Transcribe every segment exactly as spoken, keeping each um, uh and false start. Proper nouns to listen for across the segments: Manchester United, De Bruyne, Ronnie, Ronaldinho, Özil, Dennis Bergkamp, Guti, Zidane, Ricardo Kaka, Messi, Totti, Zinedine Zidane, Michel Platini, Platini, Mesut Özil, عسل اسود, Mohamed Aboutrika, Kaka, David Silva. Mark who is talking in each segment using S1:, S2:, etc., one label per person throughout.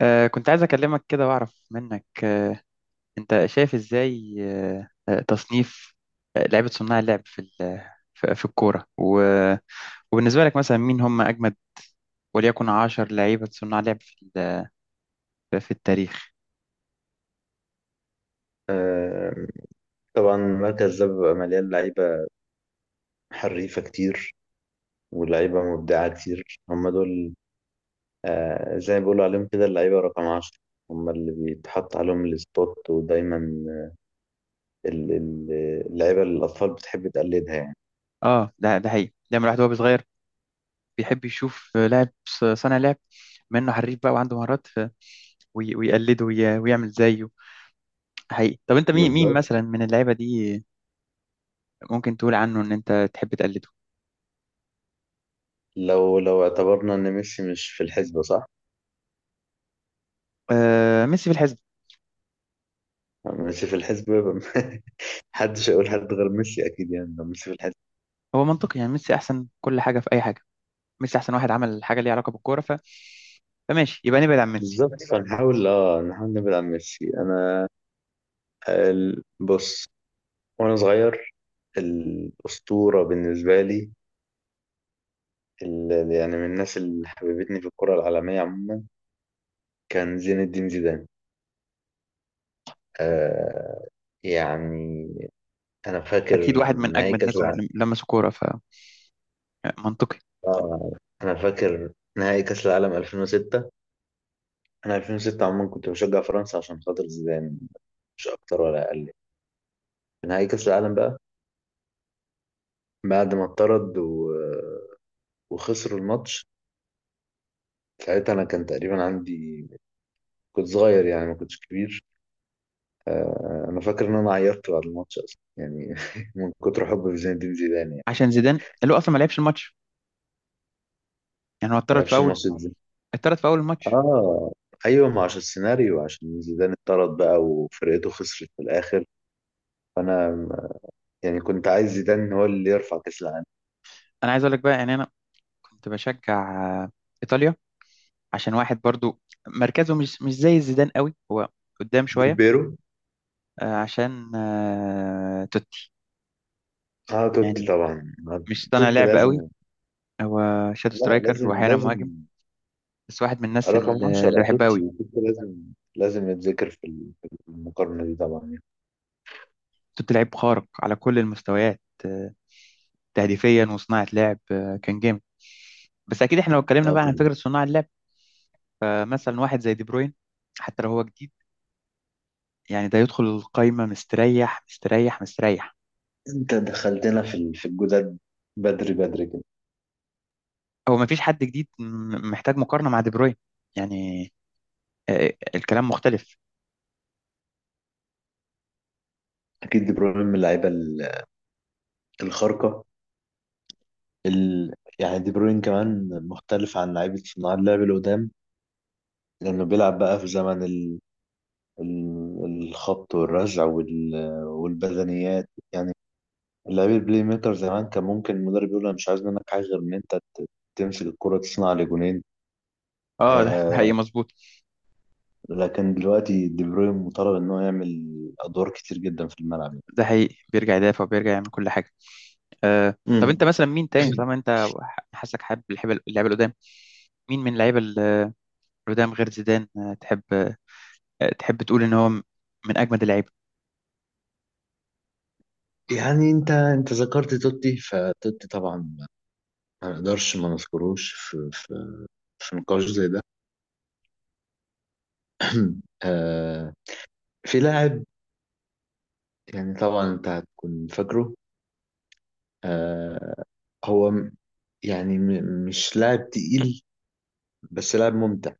S1: آه، كنت عايز أكلمك كده وأعرف منك، آه، أنت شايف إزاي آه، آه، تصنيف آه، لعيبة صناع اللعب في ال- في في الكورة و- وبالنسبة لك مثلا مين هم أجمد وليكن عشر لعيبة صناع لعب في ال- في التاريخ.
S2: آه، طبعا المركز ده بيبقى مليان لعيبة حريفة كتير ولعيبة مبدعة كتير. هم دول آه، زي ما بيقولوا عليهم كده اللعيبة رقم عشرة. هم اللي بيتحط عليهم السبوت ودايما ال- ال- اللعيبة اللي الأطفال بتحب تقلدها يعني.
S1: اه، ده ده حقيقي، دايما الواحد وهو صغير بيحب يشوف، آه، لاعب ص- صانع لعب، بما إنه حريف بقى وعنده مهارات، ف- وي- ويقلده وي- ويعمل زيه حقيقي. طب أنت مين مين
S2: بالظبط.
S1: مثلا من اللعيبة دي ممكن تقول عنه إن أنت تحب تقلده؟
S2: لو لو اعتبرنا إن ميسي مش في الحسبة، صح؟
S1: آه، ميسي في الحسبة.
S2: ميسي في الحسبة يبقى محدش هيقول حد غير ميسي، أكيد يعني لو ميسي في الحسبة.
S1: هو منطقي يعني ميسي احسن كل حاجه في اي حاجه، ميسي احسن واحد عمل حاجه ليها علاقه بالكوره، ف... فماشي يبقى نبعد عن ميسي.
S2: بالظبط، فنحاول اه نحاول نبعد عن ميسي. أنا ال- بص، وأنا صغير الأسطورة بالنسبة لي ال- يعني من الناس اللي حببتني في الكرة العالمية عموما كان زين الدين زيدان. آه يعني، أنا
S1: اكيد
S2: فاكر
S1: واحد من
S2: نهائي
S1: اجمد
S2: كأس
S1: الناس
S2: العالم
S1: اللي لمسوا كوره، فمنطقي.
S2: آه أنا فاكر نهائي كأس العالم ألفين وستة. أنا ألفين وستة عموما كنت بشجع فرنسا عشان خاطر زيدان، مش أكتر ولا أقل. في نهائي كأس العالم بقى، بعد ما اتطرد و... وخسروا الماتش. ساعتها، أنا كان تقريبا عندي، كنت صغير يعني، ما كنتش كبير. آه، انا فاكر ان انا عيطت بعد الماتش اصلا يعني من كتر حبي في زين الدين زيدان يعني.
S1: عشان زيدان اللي هو اصلا ما لعبش الماتش، يعني هو
S2: ما
S1: اتطرد في
S2: لعبش
S1: اول،
S2: الماتش ده.
S1: اتطرد في اول الماتش.
S2: اه، ايوه، ما عشان السيناريو، عشان زيدان اتطرد بقى وفرقته خسرت في الاخر. فانا يعني كنت عايز زيدان هو اللي يرفع كاس العالم.
S1: انا عايز اقول لك بقى، يعني انا كنت بشجع، آه، ايطاليا، عشان واحد برضو مركزه مش مش زي زيدان قوي، هو قدام
S2: ديل
S1: شويه،
S2: بيرو.
S1: آه، عشان آه، توتي.
S2: اه، توتي
S1: يعني
S2: طبعا.
S1: مش صانع
S2: توتي
S1: لعب
S2: لازم.
S1: قوي، هو شادو
S2: لا،
S1: سترايكر
S2: لازم
S1: واحيانا مهاجم،
S2: لازم.
S1: بس واحد من الناس
S2: رقم
S1: اللي اللي
S2: عشرة،
S1: بحبها
S2: توتي
S1: قوي.
S2: توتي لازم. لازم يتذكر في ال- في المقارنة دي طبعا يعني.
S1: كنت لعيب خارق على كل المستويات، آه، تهديفيا وصناعة لعب، آه، كان جامد. بس أكيد إحنا لو اتكلمنا
S2: آه،
S1: بقى عن
S2: طبعاً.
S1: فكرة صناع اللعب، آه، مثلا واحد زي دي بروين، حتى لو هو جديد، يعني ده يدخل القايمة مستريح مستريح مستريح.
S2: انت دخلتنا في ال- في الجداد بدري بدري كده.
S1: هو مفيش حد جديد م- محتاج مقارنة مع دي بروين، يعني آه، الكلام مختلف.
S2: اكيد دي بروين من اللعيبه ال- الخارقه. ال... يعني دي بروين كمان مختلف عن لعيبه صناع اللعب اللي قدام، لانه بيلعب بقى في زمن ال... ال... الخبط والرزع وال... والبدنيات يعني. لعيب البلاي ميكر زمان كان ممكن المدرب يقول انا مش عايز منك حاجه غير ان انت تمسك الكره تصنع لي جونين.
S1: اه، ده ده حقيقي
S2: آه...
S1: مظبوط.
S2: لكن دلوقتي دي بروين مطالب ان هو يعمل ادوار كتير جدا في الملعب.
S1: ده حقيقي، بيرجع يدافع وبيرجع يعمل كل حاجة. آه، طب
S2: امم.
S1: انت مثلا مين تاني، طالما انت ح- حاسك حابب اللعيبه اللعيبة القدام، مين من اللعيبه القدام غير زيدان، آه، تحب آه، تحب تقول ان هو م- من اجمد اللعيبه؟
S2: يعني انت انت ذكرت توتي، فتوتي طبعا ما نقدرش ما نذكروش في في في نقاش زي ده. آه في لاعب. يعني طبعا انت هتكون فاكره. آه هو م- يعني م- مش لاعب تقيل بس لاعب ممتع.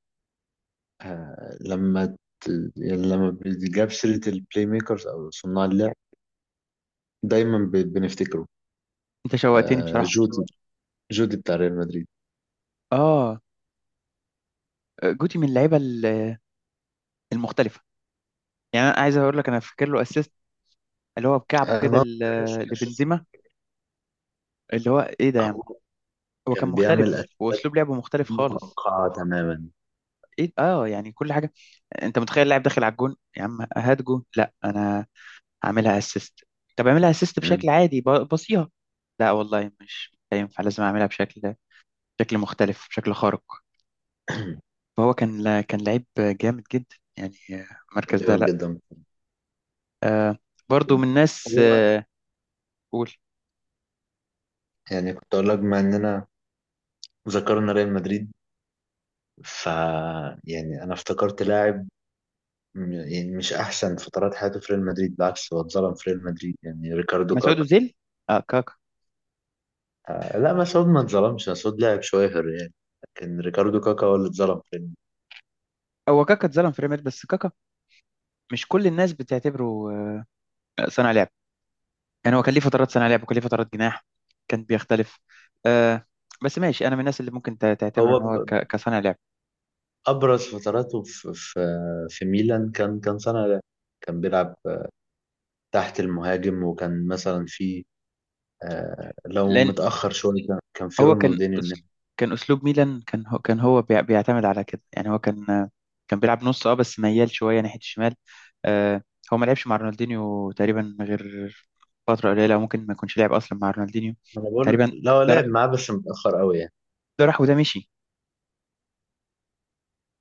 S2: آه لما ت... يعني لما بيجاب سيرة البلاي ميكرز او صناع اللعب دايما ب... بنفتكره.
S1: انت شوقتني
S2: آه
S1: بصراحه.
S2: جودي. جودي بتاع ريال مدريد.
S1: اه، آه، جوتي من اللعيبه ال- المختلفه. يعني انا عايز اقول لك، انا فاكر له اسيست اللي هو بكعبه
S2: انا
S1: كده
S2: ما بعرفش
S1: ل-
S2: الاساس.
S1: لبنزيما، اللي هو ايه ده يا عم!
S2: هو
S1: هو كان
S2: كان بيعمل
S1: مختلف،
S2: اساس
S1: واسلوب لعبه مختلف خالص.
S2: متوقعة تماما.
S1: ايه اه يعني كل حاجه، انت متخيل اللاعب داخل على الجون يا عم، هات جون! لا، انا هعملها اسيست. طب اعملها اسيست بشكل
S2: مم.
S1: عادي، ب- بصيها. لا والله مش هينفع، لازم اعملها بشكل، بشكل مختلف بشكل خارق. فهو كان لا- كان لعيب جامد جدا يعني، المركز ده،
S2: دايما
S1: لا.
S2: جدا.
S1: آه، برضو من الناس،
S2: هو
S1: آه، قول.
S2: يعني كنت اقول لك بما اننا ذكرنا ريال مدريد، ف يعني انا افتكرت لاعب م- يعني مش احسن فترات حياته في ريال مدريد، بالعكس هو اتظلم في ريال مدريد يعني ريكاردو
S1: مسعود
S2: كاكا.
S1: أوزيل. اه، كاكا.
S2: آه، لا، مسعود ما اتظلمش. مسعود لاعب شوية يعني. لكن ريكاردو كاكا هو اللي اتظلم في ريال مدريد.
S1: هو كاكا اتظلم في ريال مدريد، بس كاكا مش كل الناس بتعتبره آه صانع لعب، يعني هو كان ليه فترات صانع لعب وكان ليه فترات جناح، كان بيختلف. آه، بس ماشي، انا من الناس اللي ممكن تع- تعتبره
S2: هو
S1: ان هو
S2: ب-
S1: ك- كصانع لعب.
S2: ابرز فتراته في في في ميلان. كان كان سنة ده كان بيلعب تحت المهاجم. وكان مثلا في آه، لو
S1: لان
S2: متأخر شوية كان كان في
S1: هو كان
S2: رونالدينيو
S1: أس-
S2: الناحية.
S1: كان اسلوب ميلان، كان هو كان هو بيع- بيعتمد على كده، يعني هو كان، كان بيلعب نص اه، بس ميال شويه ناحيه الشمال. آه، هو ما لعبش مع رونالدينيو تقريبا غير فتره قليله، ممكن ما يكونش لعب اصلا مع رونالدينيو
S2: انا بقول
S1: تقريبا.
S2: لو
S1: ده راح
S2: لعب معاه بس متأخر قوي يعني.
S1: ده راح وده مشي،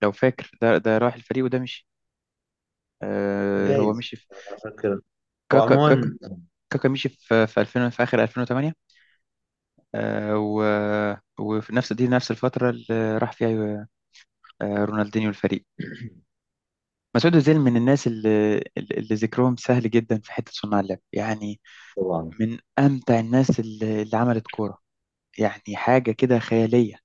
S1: لو فاكر، ده ده راح الفريق وده مشي. آه، هو
S2: جايز.
S1: مشي في،
S2: انا فاكر. هو
S1: كاكا كاكا
S2: عموما
S1: كاكا مشي في في ألفين، في اخر ألفين وتمانية. آه و وفي نفس دي نفس الفتره اللي راح فيها، آه، رونالدينيو الفريق. مسعود أوزيل من الناس اللي, اللي ذكرهم سهل جدا في حتة صناع اللعب يعني،
S2: طبعا.
S1: من أمتع الناس اللي, اللي عملت كورة، يعني حاجة كده خيالية.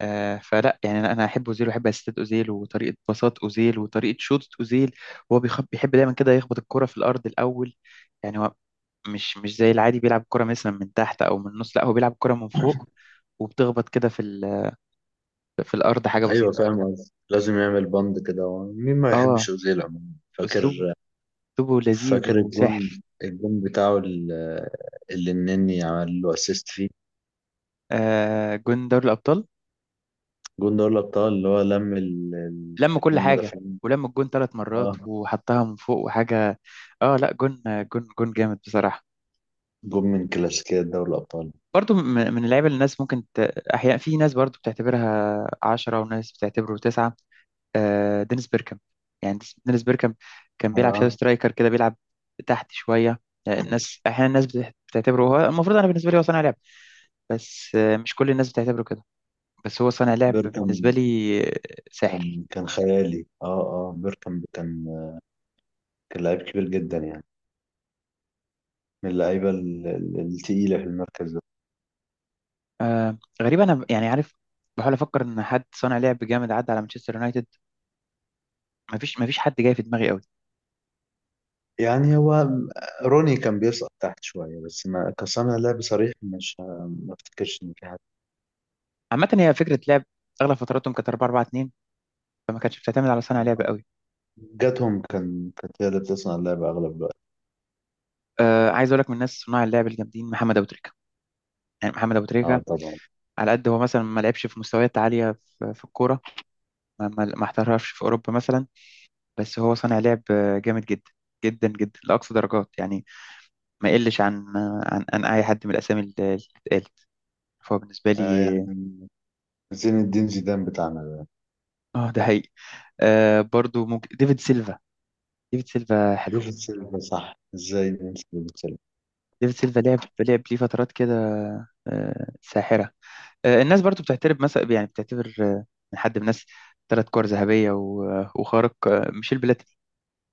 S1: آه فلا، يعني أنا أنا أحب أوزيل وأحب أسيستات أوزيل وطريقة باصات أوزيل وطريقة شوطة أوزيل، وهو بيخ- بيحب دايما كده يخبط الكرة في الأرض الأول. يعني هو مش مش زي العادي بيلعب كرة مثلا من تحت أو من النص، لا هو بيلعب كرة من فوق وبتخبط كده في ال- في الأرض حاجة
S2: ايوه
S1: بسيطة.
S2: فاهم قصدي. لازم يعمل بند كده، هو مين ما
S1: اه،
S2: يحبش اوزيل عموما. فاكر
S1: أسلوبه أسلوبه لذيذ
S2: فاكر الجون.
S1: وساحر.
S2: الجون بتاعه ال- اللي النني عمل له اسيست فيه.
S1: آه، جون دوري الأبطال،
S2: الجون ده ولا ابطال، اللي هو لم ال- ال-
S1: لم كل
S2: الاتنين
S1: حاجة،
S2: مدافعين.
S1: ولم الجون ثلاث مرات
S2: اه،
S1: وحطها من فوق وحاجة. اه لا، جون جون جون جامد بصراحة.
S2: جون من كلاسيكيات دوري الابطال.
S1: برضو م- من اللعيبة اللي الناس ممكن ت... أحيانا في ناس برضو بتعتبرها عشرة وناس بتعتبره تسعة. آه، دينيس بيركام، يعني ديس- دينيس بيركام كان بيلعب شادو
S2: انا،
S1: سترايكر كده، بيلعب تحت شوية. آه، الناس أحيانا الناس بت- بتعتبره هو المفروض، أنا بالنسبة لي هو صانع لعب، بس آه، مش كل الناس بتعتبره كده، بس هو صانع لعب
S2: بيركم
S1: بالنسبة لي، آه، ساحر.
S2: كان كان خيالي. اه اه بيركم كان كان لعيب كبير جدا يعني، من اللعيبه ال- ال- التقيله في المركز ده.
S1: آه غريب، انا ب- يعني عارف، بحاول افكر ان حد صانع لعب جامد عدى على مانشستر يونايتد، مفيش مفيش حد جاي في دماغي قوي.
S2: يعني هو، روني كان بيسقط تحت شوية بس ما كصانع لعب صريح، مش، ما افتكرش ان في حد.
S1: عامه هي فكره لعب، اغلب فتراتهم كانت أربعة أربعة اتنين، فما كانتش بتعتمد على صانع لعب قوي.
S2: جاتهم كان كانت هي اللي بتصنع اللعب اغلب الوقت.
S1: آه، عايز اقول لك من الناس صناع اللعب الجامدين محمد ابو تريكه. يعني محمد ابو
S2: اه
S1: تريكه،
S2: طبعا.
S1: على قد هو مثلا ما لعبش في مستويات عاليه في, في الكوره، ما, ما ما احترفش في اوروبا مثلا، بس هو صانع لعب آه، جامد جدا، جدا جدا، لاقصى درجات يعني. ما يقلش عن عن, عن اي حد من الاسامي اللي اللي اتقالت، فهو بالنسبه
S2: آه
S1: لي.
S2: يعني زين الدين زيدان بتاعنا ده.
S1: اه ده هي. آه، برضو ممكن ديفيد سيلفا، ديفيد سيلفا حلو،
S2: ديفيد سيلفا، صح، ازاي ننسى ديفيد سيلفا؟
S1: ديفيد سيلفا لعب لعب ليه فترات كده، آه، ساحرة. آه، الناس برضو بتعترف مثلا، يعني بتعتبر، آه، من حد من الناس، ثلاث كور ذهبية و- آه، وخارق، آه، ميشيل بلاتيني.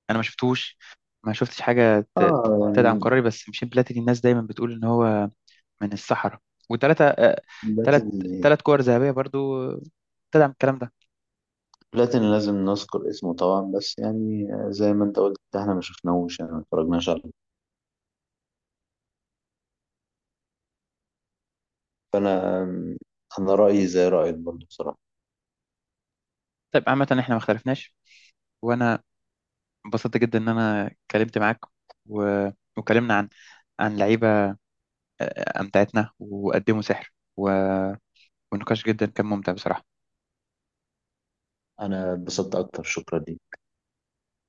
S1: أنا ما شفتوش، ما شفتش حاجة ت-
S2: اه
S1: تدعم
S2: يعني
S1: قراري، بس ميشيل بلاتيني الناس دايما بتقول إن هو من الصحراء، وثلاثة آه، ثلاث
S2: بلاتيني.
S1: ثلاث كور ذهبية برضو آه، تدعم الكلام ده.
S2: بلاتيني لازم نذكر اسمه طبعا، بس يعني زي ما انت قلت احنا ما شفناهوش، يعني ما اتفرجناش عليه. فانا انا رأيي زي رأيك برضه بصراحة.
S1: طيب، عامة احنا ما اختلفناش. وأنا انبسطت جدا ان انا اتكلمت معاك و... وكلمنا عن، عن لعيبه، آه، آه، امتعتنا وقدموا سحر، و... والنقاش جدا كان ممتع بصراحه.
S2: انا اتبسطت اكتر، شكرا ليك.